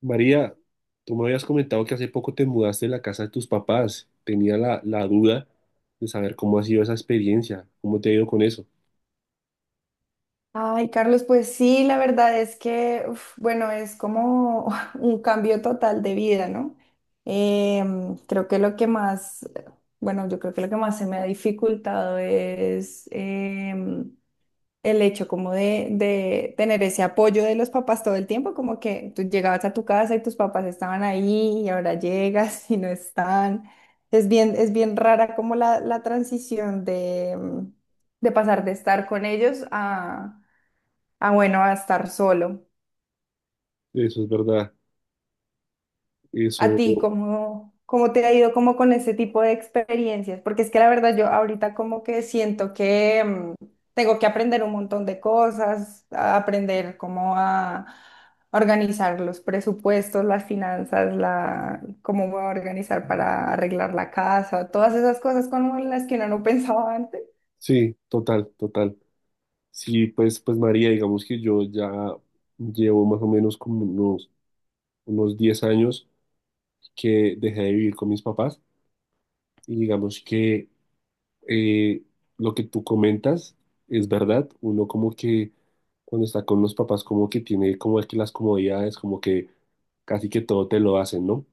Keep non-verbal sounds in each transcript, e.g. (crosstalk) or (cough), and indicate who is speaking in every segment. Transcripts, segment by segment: Speaker 1: María, tú me habías comentado que hace poco te mudaste de la casa de tus papás. Tenía la duda de saber cómo ha sido esa experiencia, cómo te ha ido con eso.
Speaker 2: Ay, Carlos, pues sí, la verdad es que, uf, bueno, es como (laughs) un cambio total de vida, ¿no? Creo que lo que más, bueno, yo creo que lo que más se me ha dificultado es el hecho como de tener ese apoyo de los papás todo el tiempo, como que tú llegabas a tu casa y tus papás estaban ahí y ahora llegas y no están. Es bien rara como la transición de, de pasar de estar con ellos a bueno, a estar solo.
Speaker 1: Eso es verdad.
Speaker 2: ¿A
Speaker 1: Eso,
Speaker 2: ti cómo, cómo te ha ido como con ese tipo de experiencias? Porque es que la verdad yo ahorita como que siento que tengo que aprender un montón de cosas, a aprender cómo a organizar los presupuestos, las finanzas, la, cómo voy a organizar para arreglar la casa, todas esas cosas como las que uno no (laughs) pensaba antes.
Speaker 1: sí, total, total. Sí, pues María, digamos que yo ya llevo más o menos como unos 10 años que dejé de vivir con mis papás y digamos que eh, lo que tú comentas es verdad. Uno como que cuando está con los papás como que tiene como que las comodidades, como que casi que todo te lo hacen, ¿no?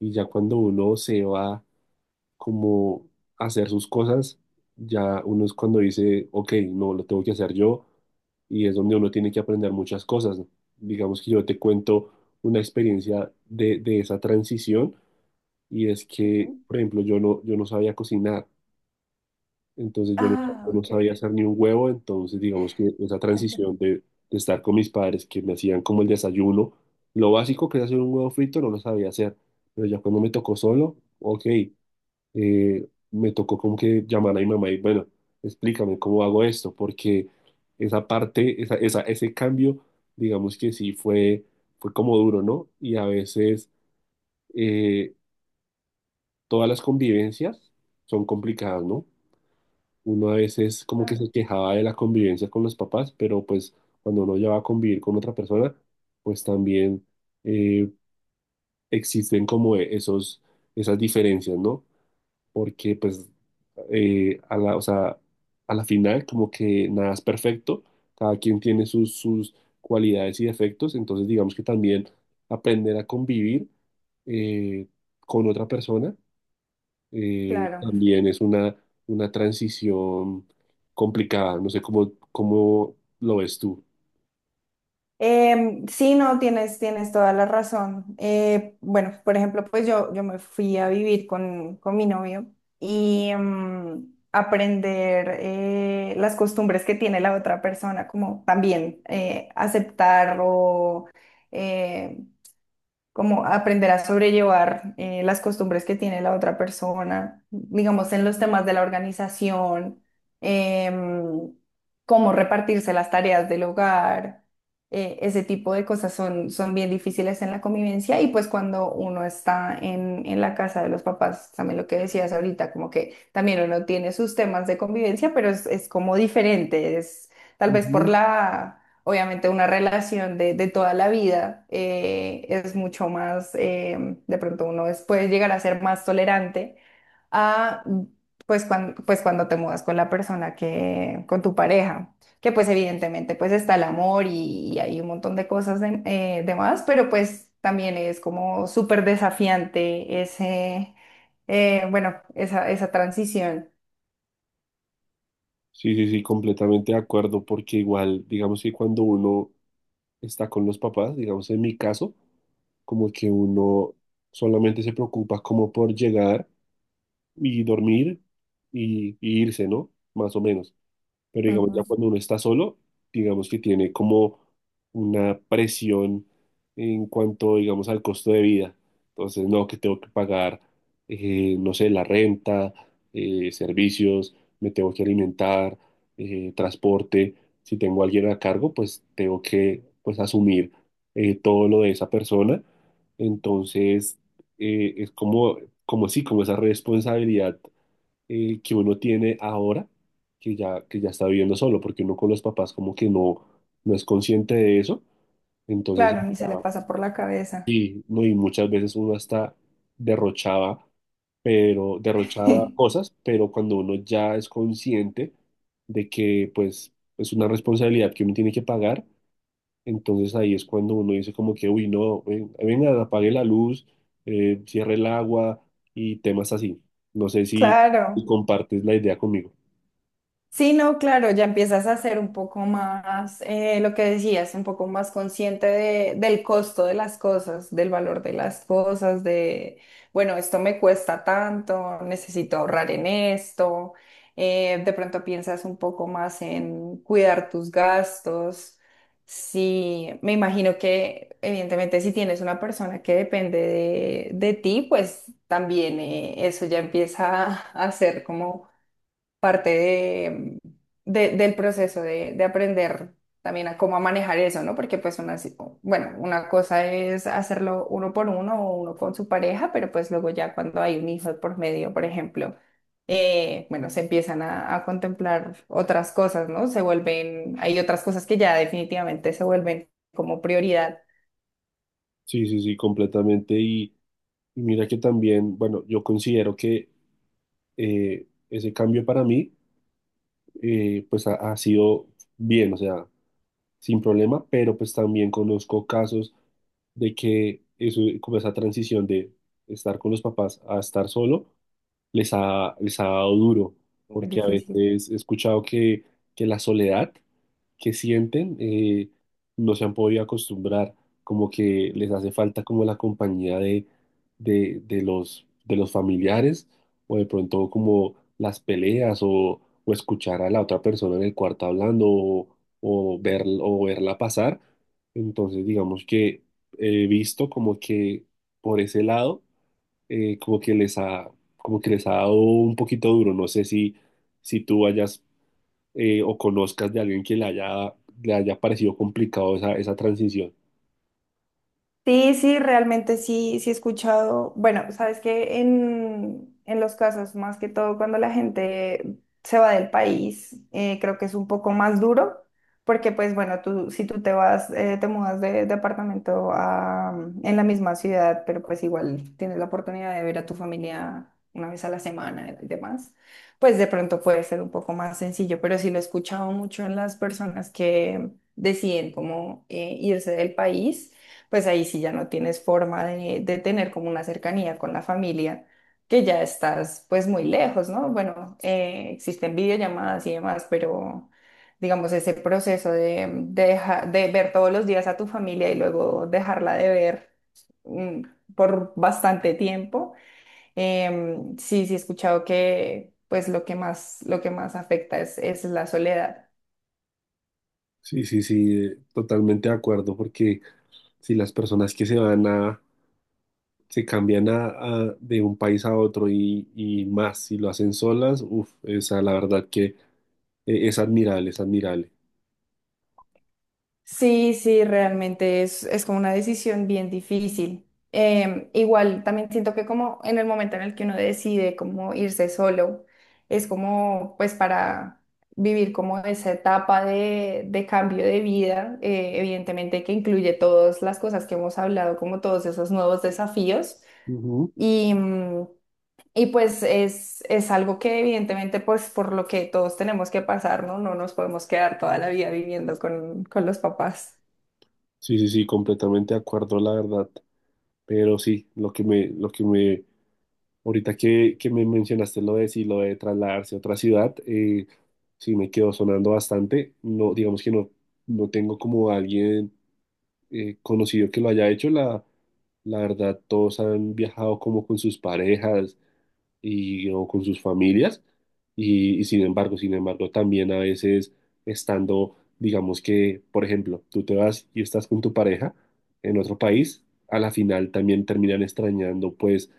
Speaker 1: Y ya cuando uno se va como a hacer sus cosas, ya uno es cuando dice, ok, no, lo tengo que hacer yo y es donde uno tiene que aprender muchas cosas. Digamos que yo te cuento una experiencia de esa transición y es que,
Speaker 2: Ujú.
Speaker 1: por ejemplo, yo no sabía cocinar, entonces
Speaker 2: Ah,
Speaker 1: yo no
Speaker 2: ok,
Speaker 1: sabía hacer ni un huevo. Entonces digamos que esa transición de estar con mis padres, que me hacían como el desayuno, lo básico, que era hacer un huevo frito, no lo sabía hacer, pero ya cuando me tocó solo, ok, me tocó como que llamar a mi mamá y bueno, explícame cómo hago esto, porque esa parte, ese cambio, digamos que sí fue como duro, ¿no? Y a veces eh, todas las convivencias son complicadas, ¿no? Uno a veces como que
Speaker 2: claro,
Speaker 1: se quejaba de la convivencia con los papás, pero pues cuando uno ya va a convivir con otra persona, pues también eh, existen como esos, esas diferencias, ¿no? Porque pues a la, o sea, a la final como que nada es perfecto, cada quien tiene sus cualidades y defectos, entonces digamos que también aprender a convivir eh, con otra persona
Speaker 2: claro.
Speaker 1: también es una transición complicada. No sé cómo lo ves tú.
Speaker 2: Sí, no, tienes, tienes toda la razón. Bueno, por ejemplo, pues yo me fui a vivir con mi novio y aprender las costumbres que tiene la otra persona, como también aceptar o eh, como aprender a sobrellevar las costumbres que tiene la otra persona, digamos, en los temas de la organización, em, cómo repartirse las tareas del hogar, ese tipo de cosas son, son bien difíciles en la convivencia y pues cuando uno está en la casa de los papás, también lo que decías ahorita, como que también uno tiene sus temas de convivencia, pero es como diferente, es tal vez por
Speaker 1: Ujú.
Speaker 2: la. Obviamente una relación de toda la vida es mucho más, de pronto uno puede llegar a ser más tolerante a, pues, pues cuando te mudas con la persona que, con tu pareja, que pues evidentemente pues está el amor y hay un montón de cosas de más, pero pues también es como súper desafiante ese, bueno, esa transición.
Speaker 1: Sí, sí, sí, completamente de acuerdo, porque igual, digamos que cuando uno está con los papás, digamos en mi caso, como que uno solamente se preocupa como por llegar y dormir y irse, ¿no? Más o menos. Pero digamos, ya
Speaker 2: Ujú.
Speaker 1: cuando uno está solo, digamos que tiene como una presión en cuanto, digamos, al costo de vida. Entonces, no, que tengo que pagar, no sé, la renta, servicios, me tengo que alimentar, transporte. Si tengo a alguien a cargo, pues tengo que, pues, asumir todo lo de esa persona. Entonces, es como, como sí, como esa responsabilidad que uno tiene ahora, que ya está viviendo solo, porque uno con los papás como que no, no es consciente de eso. Entonces,
Speaker 2: Claro, ni se le pasa por la cabeza.
Speaker 1: no, y muchas veces uno hasta derrochaba, pero derrochaba
Speaker 2: (laughs)
Speaker 1: cosas, pero cuando uno ya es consciente de que pues es una responsabilidad que uno tiene que pagar, entonces ahí es cuando uno dice como que, uy, no, venga, apague la luz, cierre el agua y temas así. No sé si
Speaker 2: Claro.
Speaker 1: compartes la idea conmigo.
Speaker 2: Sí, no, claro, ya empiezas a ser un poco más, lo que decías, un poco más consciente del costo de las cosas, del valor de las cosas, de, bueno, esto me cuesta tanto, necesito ahorrar en esto, de pronto piensas un poco más en cuidar tus gastos. Sí, me imagino que evidentemente si tienes una persona que depende de ti, pues también eso ya empieza a ser como parte de, del proceso de aprender también a cómo a manejar eso, ¿no? Porque pues una, bueno, una cosa es hacerlo uno por uno o uno con su pareja, pero pues luego ya cuando hay un hijo por medio, por ejemplo, bueno, se empiezan a contemplar otras cosas, ¿no? Se vuelven, hay otras cosas que ya definitivamente se vuelven como prioridad.
Speaker 1: Sí, sí, sí, completamente. Y mira que también, bueno, yo considero que ese cambio para mí, pues ha sido bien, o sea, sin problema, pero pues también conozco casos de que eso, como esa transición de estar con los papás a estar solo, les ha dado duro,
Speaker 2: Muy
Speaker 1: porque a
Speaker 2: difícil.
Speaker 1: veces he escuchado que la soledad que sienten no se han podido acostumbrar, como que les hace falta como la compañía de los familiares o de pronto como las peleas o escuchar a la otra persona en el cuarto hablando o, o verla pasar. Entonces digamos que he visto como que por ese lado eh, como que les ha, como que les ha dado un poquito duro. No sé si, si tú hayas o conozcas de alguien que le le haya parecido complicado esa transición.
Speaker 2: Sí, sí, realmente sí, sí he escuchado. Bueno, sabes que en los casos, más que todo cuando la gente se va del país, creo que es un poco más duro, porque pues bueno, tú, si tú te vas, te mudas de departamento a, en la misma ciudad, pero pues igual tienes la oportunidad de ver a tu familia una vez a la semana y demás, pues de pronto puede ser un poco más sencillo, pero sí lo he escuchado mucho en las personas que deciden como irse del país, pues ahí sí ya no tienes forma de tener como una cercanía con la familia, que ya estás pues muy lejos, ¿no? Bueno, existen videollamadas y demás, pero digamos ese proceso de, de ver todos los días a tu familia y luego dejarla de ver mm, por bastante tiempo, sí, sí he escuchado que pues lo que más afecta es la soledad.
Speaker 1: Sí, sí, sí, totalmente de acuerdo, porque si las personas que se van a, se cambian a, de un país a otro y más, si lo hacen solas, uff, esa la verdad que es admirable, es admirable.
Speaker 2: Sí, sí, realmente es como una decisión bien difícil. Igual también siento que como en el momento en el que uno decide como irse solo, es como pues para vivir como esa etapa de cambio de vida, evidentemente que incluye todas las cosas que hemos hablado, como todos esos nuevos desafíos.
Speaker 1: Ujú.
Speaker 2: Y, y pues es algo que evidentemente pues por lo que todos tenemos que pasar, ¿no? No nos podemos quedar toda la vida viviendo con los papás.
Speaker 1: Sí, sí, sí, completamente de acuerdo, la verdad. Pero sí, lo que me ahorita que me mencionaste lo de si lo de trasladarse a otra ciudad, sí me quedó sonando bastante. No, digamos que no, no tengo como alguien conocido que lo haya hecho. La verdad, todos han viajado como con sus parejas y, o con sus familias. Y sin embargo, sin embargo, también a veces estando, digamos que, por ejemplo, tú te vas y estás con tu pareja en otro país, a la final también terminan extrañando, pues,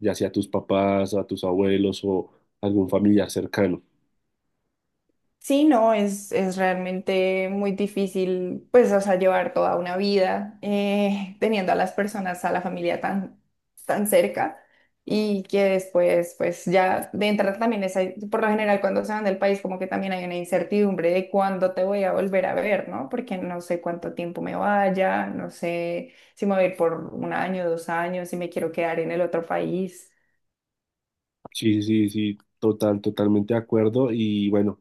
Speaker 1: ya sea a tus papás, a tus abuelos o algún familiar cercano.
Speaker 2: Sí, no, es realmente muy difícil, pues, o sea, llevar toda una vida teniendo a las personas, a la familia tan, tan cerca y que después, pues, ya de entrada también es, por lo general, cuando se van del país, como que también hay una incertidumbre de cuándo te voy a volver a ver, ¿no? Porque no sé cuánto tiempo me vaya, no sé si me voy a ir por 1 año, 2 años, si me quiero quedar en el otro país.
Speaker 1: Sí, sí, sí, sí, total, totalmente de acuerdo. Y bueno,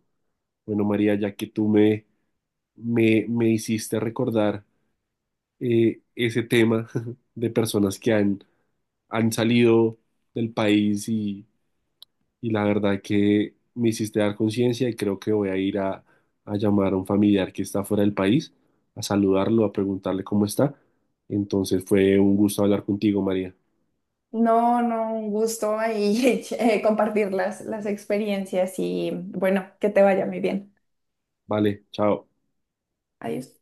Speaker 1: bueno, María, ya que me hiciste recordar ese tema (laughs) de personas que han salido del país y la verdad que me hiciste dar conciencia y creo que voy a ir a llamar a un familiar que está fuera del país, a saludarlo, a preguntarle cómo está. Entonces fue un gusto hablar contigo, María.
Speaker 2: No, no, un gusto ahí (laughs) compartir las experiencias y bueno, que te vaya muy bien.
Speaker 1: Vale, chao.
Speaker 2: Adiós.